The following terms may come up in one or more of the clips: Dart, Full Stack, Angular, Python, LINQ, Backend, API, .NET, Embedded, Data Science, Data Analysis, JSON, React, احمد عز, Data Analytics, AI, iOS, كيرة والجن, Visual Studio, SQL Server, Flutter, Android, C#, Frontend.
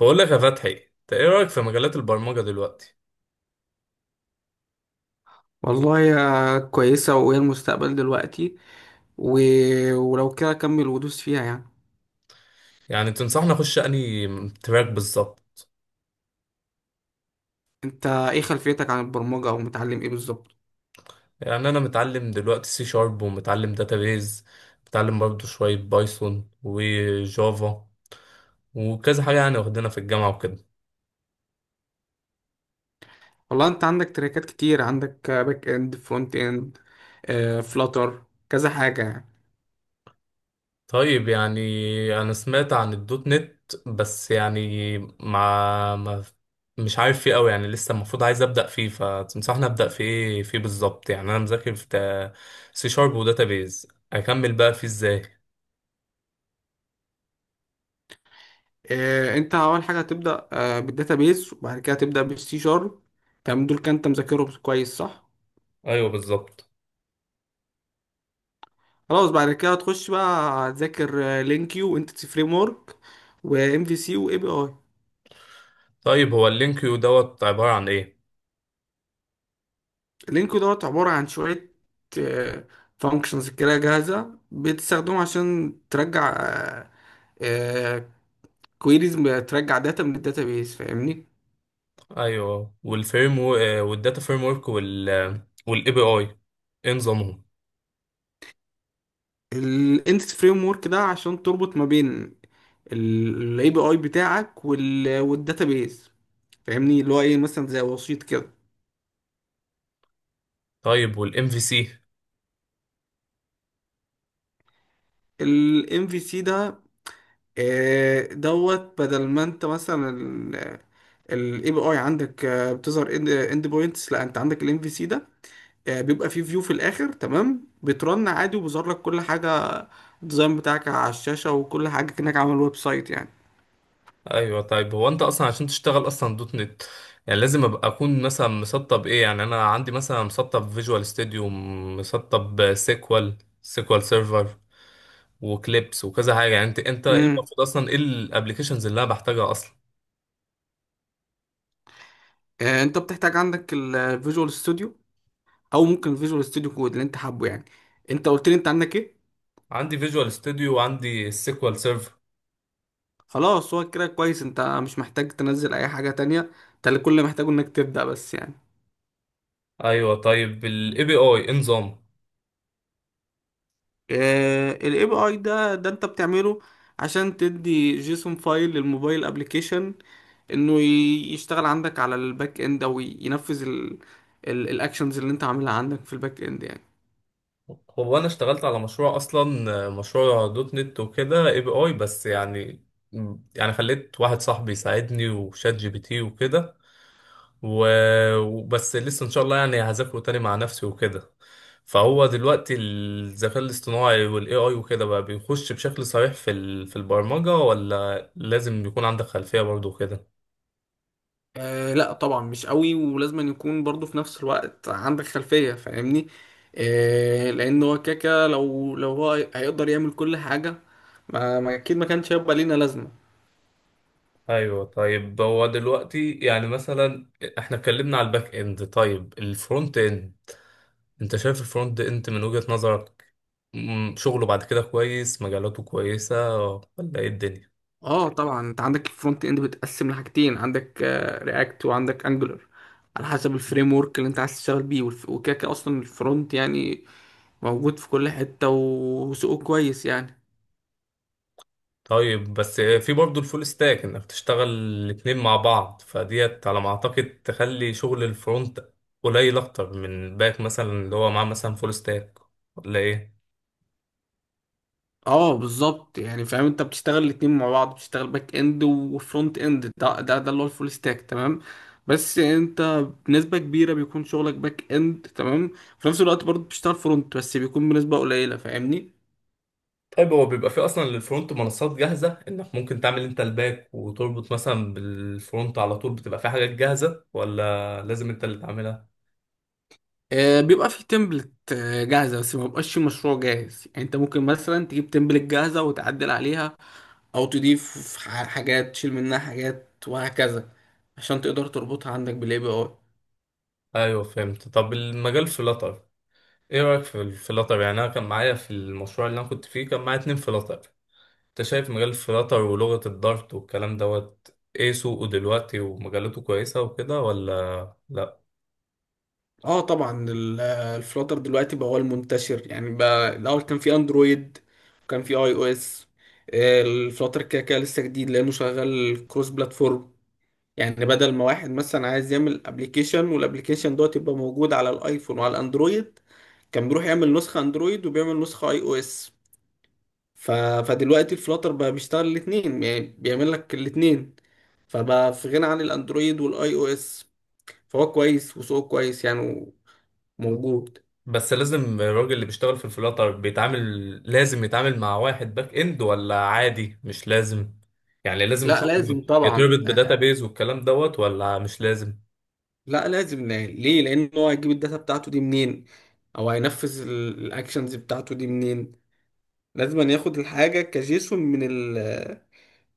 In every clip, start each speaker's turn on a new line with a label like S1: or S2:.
S1: بقول لك يا فتحي، انت ايه رايك في مجالات البرمجه دلوقتي؟
S2: والله يا كويسة وهي المستقبل دلوقتي. و... ولو كده كمل ودوس فيها يعني.
S1: يعني تنصحني اخش انهي تراك بالظبط؟
S2: انت ايه خلفيتك عن البرمجة او متعلم ايه بالظبط؟
S1: يعني انا متعلم دلوقتي سي شارب ومتعلم داتابيز، متعلم برضه شويه بايثون وجافا وكذا حاجه يعني، واخدينها في الجامعه وكده.
S2: والله انت عندك تراكات كتير، عندك باك اند، فرونت اند، فلاتر، كذا حاجة يعني.
S1: طيب، يعني انا سمعت عن الدوت نت بس يعني مع ما مش عارف فيه قوي يعني، لسه المفروض عايز ابدا فيه، فتنصحني ابدا في ايه فيه بالظبط؟ يعني انا مذاكر في سي شارب وداتابيز، اكمل بقى فيه ازاي؟
S2: انت اول حاجة هتبدأ بالداتابيس وبعد كده هتبدأ بالسي شارب. تمام، دول كان انت مذاكرهم كويس صح؟
S1: ايوه بالظبط.
S2: خلاص بعد كده هتخش بقى، هتذاكر لينكيو وانتيتي فريم ورك وام في سي واي بي اي.
S1: طيب هو اللينك يو دوت عباره عن ايه؟
S2: لينكو دوت عبارة عن شوية فانكشنز كده جاهزة بتستخدمه عشان ترجع كويريز، ترجع داتا من الداتابيس، فاهمني؟
S1: ايوه، والفريم و... آه، والداتا فريم ورك وال والاي بي اي ايه نظامهم؟
S2: الانتس فريم ورك ده عشان تربط ما بين الاي بي اي بتاعك والداتابيس، فاهمني؟ اللي هو ايه، مثلا زي وسيط كده.
S1: طيب والام في سي؟
S2: الام في سي ده دوت، بدل ما انت مثلا الاي بي اي عندك بتظهر اند بوينتس، لا انت عندك الام في سي ده بيبقى فيه فيو في الاخر. تمام، بترن عادي وبيظهر لك كل حاجه، الديزاين بتاعك على الشاشه وكل حاجه كانك عامل ويب سايت يعني.
S1: ايوه. طيب هو انت اصلا عشان تشتغل اصلا دوت نت يعني لازم ابقى اكون مثلا مسطب ايه؟ يعني انا عندي مثلا مسطب فيجوال ستوديو، مسطب سيكوال سيرفر وكليبس وكذا حاجه يعني. انت ايه
S2: امم
S1: المفروض اصلا، ايه الابلكيشنز اللي انا بحتاجها اصلا؟
S2: انت بتحتاج عندك الفيجوال ستوديو، او ممكن الفيجوال ستوديو كود، اللي انت حابه يعني. انت قلت لي انت عندك ايه؟
S1: عندي فيجوال ستوديو وعندي السيكوال سيرفر.
S2: خلاص، هو كده كويس، انت مش محتاج تنزل اي حاجه تانية، انت اللي كل اللي محتاجه انك تبدا بس يعني.
S1: ايوه. طيب الاي بي اي ايه نظامه؟
S2: الاي بي اي ده انت بتعمله عشان تدي جيسون فايل للموبايل ابلكيشن، انه يشتغل عندك على الباك اند او ينفذ الاكشنز اللي انت عاملها عندك في الباك اند يعني.
S1: هو انا اشتغلت على مشروع اصلا، مشروع دوت نت وكده اي بي اي بس يعني، يعني خليت واحد صاحبي يساعدني وشات جي بي تي وكده. وبس لسه ان شاء الله يعني هذاكره تاني مع نفسي وكده. فهو دلوقتي الذكاء الاصطناعي والاي اي وكده بقى بيخش بشكل صريح في البرمجة، ولا لازم يكون عندك خلفية برضه كده؟
S2: آه لا طبعا، مش قوي، ولازم أن يكون برضو في نفس الوقت عندك خلفية، فاهمني؟ آه، لان هو كاكا لو هو هيقدر يعمل كل حاجة. اكيد ما كانش هيبقى لينا لازمة.
S1: ايوه. طيب هو دلوقتي يعني مثلا احنا اتكلمنا على الباك اند، طيب الفرونت اند انت شايف الفرونت اند من وجهة نظرك مم، شغله بعد كده كويس، مجالاته كويسة ولا ايه الدنيا؟
S2: اه طبعا، انت عندك الفرونت اند بتقسم لحاجتين، عندك رياكت وعندك انجولار، على حسب الفريم ورك اللي انت عايز تشتغل بيه. وكده كده اصلا الفرونت يعني موجود في كل حتة وسوقه كويس يعني.
S1: طيب، بس في برضه الفول ستاك انك تشتغل الاتنين مع بعض، فديت على ما اعتقد تخلي شغل الفرونت قليل اكتر من الباك، مثلا اللي هو معاه مثلا فول ستاك، ولا ايه؟
S2: اه بالظبط يعني، فاهم؟ انت بتشتغل الاتنين مع بعض، بتشتغل باك اند وفرونت اند، ده اللي هو الفول ستاك، تمام؟ بس انت بنسبة كبيرة بيكون شغلك باك اند، تمام؟ في نفس الوقت برضه بتشتغل فرونت بس بيكون بنسبة قليلة، فاهمني؟
S1: طيب هو بيبقى فيه اصلا للفرونت منصات جاهزه انك ممكن تعمل انت الباك وتربط مثلا بالفرونت على طول، بتبقى فيه حاجات جاهزه ولا لازم انت اللي تعملها؟
S2: بيبقى في تمبلت جاهزة بس ما بيبقاش في مشروع جاهز يعني. انت ممكن مثلا تجيب تمبلت جاهزة وتعدل عليها، او تضيف حاجات، تشيل منها حاجات وهكذا، عشان تقدر تربطها عندك بالاي بي اي.
S1: ايوه فهمت. طب المجال فلاتر، ايه رايك في الفلاتر؟ يعني انا كان معايا في المشروع اللي انا كنت فيه كان معايا اتنين فلاتر. انت شايف مجال الفلاتر ولغه الدارت والكلام دوت ايه، سوقه دلوقتي ومجالاته كويسه وكده ولا لا؟
S2: اه طبعا، الفلاتر دلوقتي بقى هو المنتشر يعني. بقى الاول كان في اندرويد وكان في اي او اس. الفلاتر كده كده لسه جديد لانه شغال كروس بلاتفورم، يعني بدل ما واحد مثلا عايز يعمل ابلكيشن والابلكيشن دوت يبقى موجود على الايفون وعلى الاندرويد كان بيروح يعمل نسخة اندرويد وبيعمل نسخة اي او اس. ف... فدلوقتي الفلاتر بقى بيشتغل الاثنين، يعني بيعمل لك الاثنين، فبقى في غنى عن الاندرويد والاي او اس، فهو كويس وسوقه كويس يعني، موجود.
S1: بس لازم الراجل اللي بيشتغل في الفلاتر بيتعامل لازم يتعامل مع واحد باك اند، ولا عادي مش لازم؟ يعني لازم
S2: لا
S1: شغله
S2: لازم طبعا،
S1: يتربط بداتابيز والكلام دوت ولا مش لازم؟
S2: لا لازم. ليه؟ لان هو هيجيب الداتا بتاعته دي منين؟ او هينفذ الاكشنز بتاعته دي منين؟ لازم أن ياخد الحاجة كجيسون من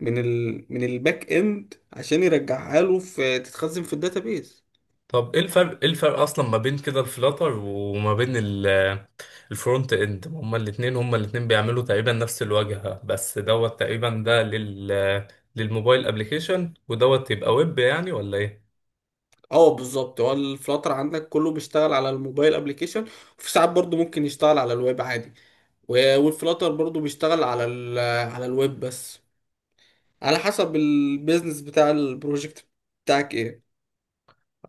S2: من الباك اند عشان يرجعها له، في تتخزن في الداتابيز.
S1: طب ايه الفرق، ايه الفرق اصلا ما بين كده الفلاتر وما بين الفرونت اند؟ هما الاتنين، هما الاتنين بيعملوا تقريبا نفس الواجهة، بس دوت تقريبا ده لل للموبايل ابلكيشن ودوت يبقى ويب، يعني ولا ايه؟
S2: اه بالظبط، هو الفلاتر عندك كله بيشتغل على الموبايل ابلكيشن، وفي ساعات برضو ممكن يشتغل على الويب عادي. والفلاتر برضو بيشتغل على على الويب بس، على حسب البيزنس بتاع البروجكت بتاعك ايه.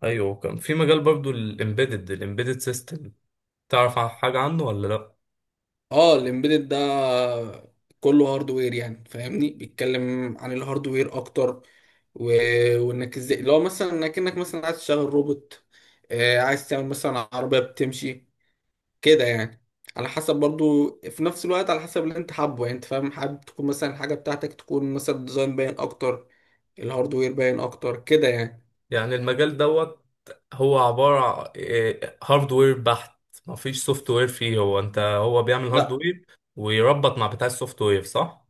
S1: ايوه، كان في مجال برضو الامبيدد، الامبيدد سيستم، تعرف حاجة عنه ولا لا؟
S2: اه، الامبيدد ده كله هاردوير يعني، فاهمني؟ بيتكلم عن الهاردوير اكتر. و... وانك ازاي لو مثلا انك مثلا عايز تشغل روبوت، عايز تعمل مثلا عربية بتمشي كده يعني. على حسب برضو في نفس الوقت، على حسب اللي انت حابه يعني. انت فاهم، حابب تكون مثلا الحاجة بتاعتك تكون مثلا ديزاين باين اكتر، الهاردوير باين اكتر كده يعني.
S1: يعني المجال دوت هو عبارة إيه، هاردوير بحت؟ مفيش سوفت وير فيه؟ هو انت هو بيعمل
S2: لا
S1: هاردوير ويربط مع بتاع السوفت وير صح؟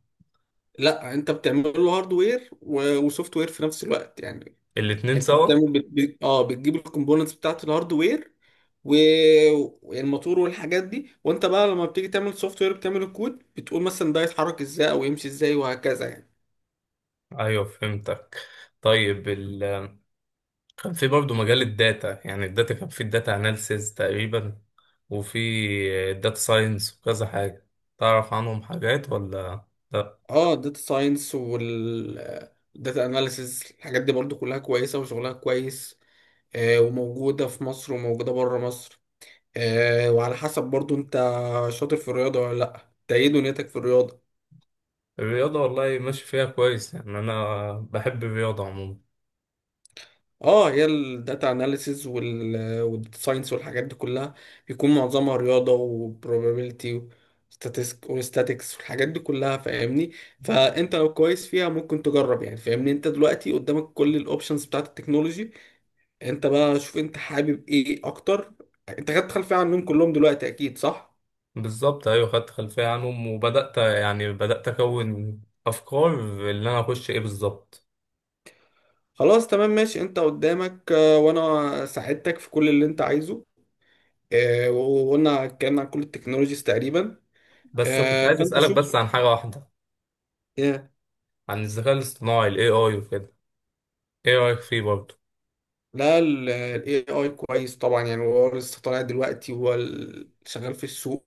S2: لا، انت بتعمل له هاردوير وسوفت وير في نفس الوقت يعني.
S1: الاتنين
S2: انت
S1: سوا؟
S2: بتعمل اه، بتجيب الكومبوننتس بتاعت الهاردوير والموتور والحاجات دي، وانت بقى لما بتيجي تعمل سوفت وير بتعمل الكود، بتقول مثلا ده يتحرك ازاي او يمشي ازاي وهكذا يعني.
S1: ايوه فهمتك. طيب ال... كان في برضه مجال الداتا، يعني الداتا كان في الداتا اناليسيز تقريبا وفي الداتا ساينس وكذا حاجة، تعرف عنهم حاجات ولا لا؟
S2: اه، داتا ساينس وال داتا اناليسز، الحاجات دي برضو كلها كويسة وشغلها كويس، وموجودة في مصر وموجودة بره مصر، وعلى حسب برضو انت شاطر في الرياضة ولا لا. انت ايه دنيتك في الرياضة؟
S1: الرياضة والله ماشي فيها كويس يعني، أنا بحب الرياضة عموما.
S2: اه، هي الداتا اناليسيز والساينس والحاجات دي كلها بيكون معظمها رياضه وبروبابيلتي وستاتيكس والحاجات دي كلها، فاهمني؟ فانت لو كويس فيها ممكن تجرب يعني، فاهمني؟ انت دلوقتي قدامك كل الاوبشنز بتاعت التكنولوجي، انت بقى شوف انت حابب ايه اكتر. انت خدت خلفيه عنهم كلهم دلوقتي اكيد صح؟
S1: بالظبط، ايوه خدت خلفيه عنهم وبدات يعني بدات اكون افكار اللي انا اخش ايه بالظبط.
S2: خلاص تمام ماشي، انت قدامك، وانا ساعدتك في كل اللي انت عايزه، وقلنا اتكلمنا عن كل التكنولوجيز تقريبا،
S1: بس كنت عايز
S2: فانت
S1: اسالك
S2: شوف.
S1: بس عن حاجه واحده،
S2: آه،
S1: عن الذكاء الاصطناعي الاي اي وكده، ايه رايك فيه برضه؟
S2: لا، ال AI كويس طبعا يعني، هو لسه طالع دلوقتي وهو شغال في السوق،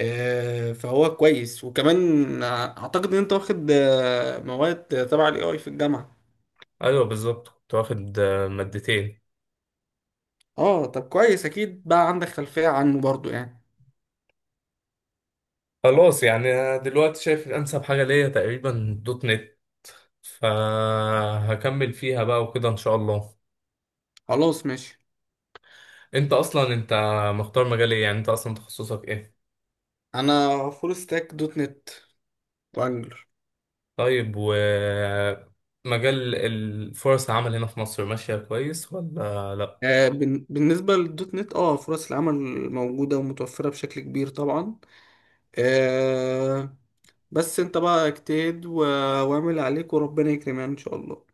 S2: فهو كويس. وكمان اعتقد ان انت واخد مواد تبع ال AI في الجامعة.
S1: ايوه بالظبط، كنت واخد مادتين.
S2: اه طب كويس، اكيد بقى عندك خلفية عنه برضو يعني.
S1: خلاص يعني أنا دلوقتي شايف انسب حاجه ليا تقريبا دوت نت، فهكمل فيها بقى وكده ان شاء الله.
S2: خلاص ماشي.
S1: انت اصلا مختار مجال ايه؟ يعني انت اصلا تخصصك ايه؟
S2: انا فول ستاك دوت نت وانجلر.
S1: طيب ومجال الفرص العمل هنا في مصر ماشية كويس ولا لأ؟
S2: بالنسبة للدوت نت، اه، فرص العمل موجودة ومتوفرة بشكل كبير طبعا. آه، بس انت بقى اجتهد واعمل عليك وربنا يكرمك يعني ان شاء الله.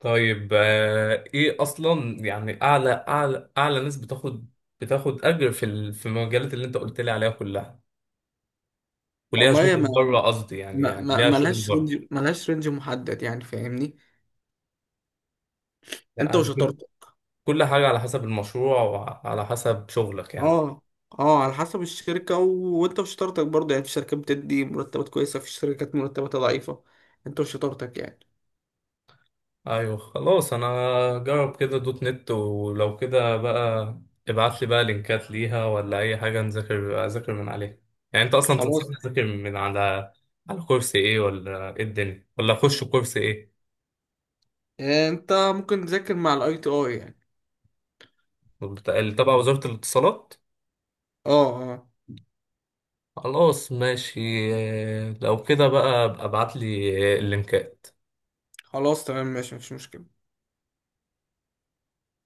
S1: طيب إيه أصلا يعني أعلى أعلى ناس بتاخد، بتاخد أجر في المجالات اللي أنت قلت لي عليها كلها، وليها
S2: والله يا
S1: شغل
S2: ما،
S1: بره؟ قصدي يعني، يعني ليها شغل
S2: ملهاش
S1: بره؟
S2: رينج، ملهاش رينج محدد يعني، فاهمني؟ انت
S1: يعني
S2: وشطارتك.
S1: كل حاجة على حسب المشروع وعلى حسب شغلك يعني.
S2: اه، اه، على حسب الشركة، وانت وشطارتك برضه يعني. في شركات بتدي مرتبات كويسة، في شركات مرتباتها ضعيفة، انت وشطارتك يعني.
S1: ايوه خلاص. انا جرب كده دوت نت، ولو كده بقى ابعت لي بقى لينكات ليها ولا اي حاجه اذاكر من عليها. يعني انت اصلا
S2: خلاص،
S1: تنصحني اذاكر من على على كورس ايه، ولا ايه الدنيا، ولا اخش كورس ايه؟
S2: انت ممكن تذاكر مع الاي تي اي يعني.
S1: اللي تبع وزاره الاتصالات؟
S2: اه، اه،
S1: خلاص ماشي. لو كده بقى ابقى ابعت لي اللينكات.
S2: خلاص تمام ماشي، مفيش مشكلة.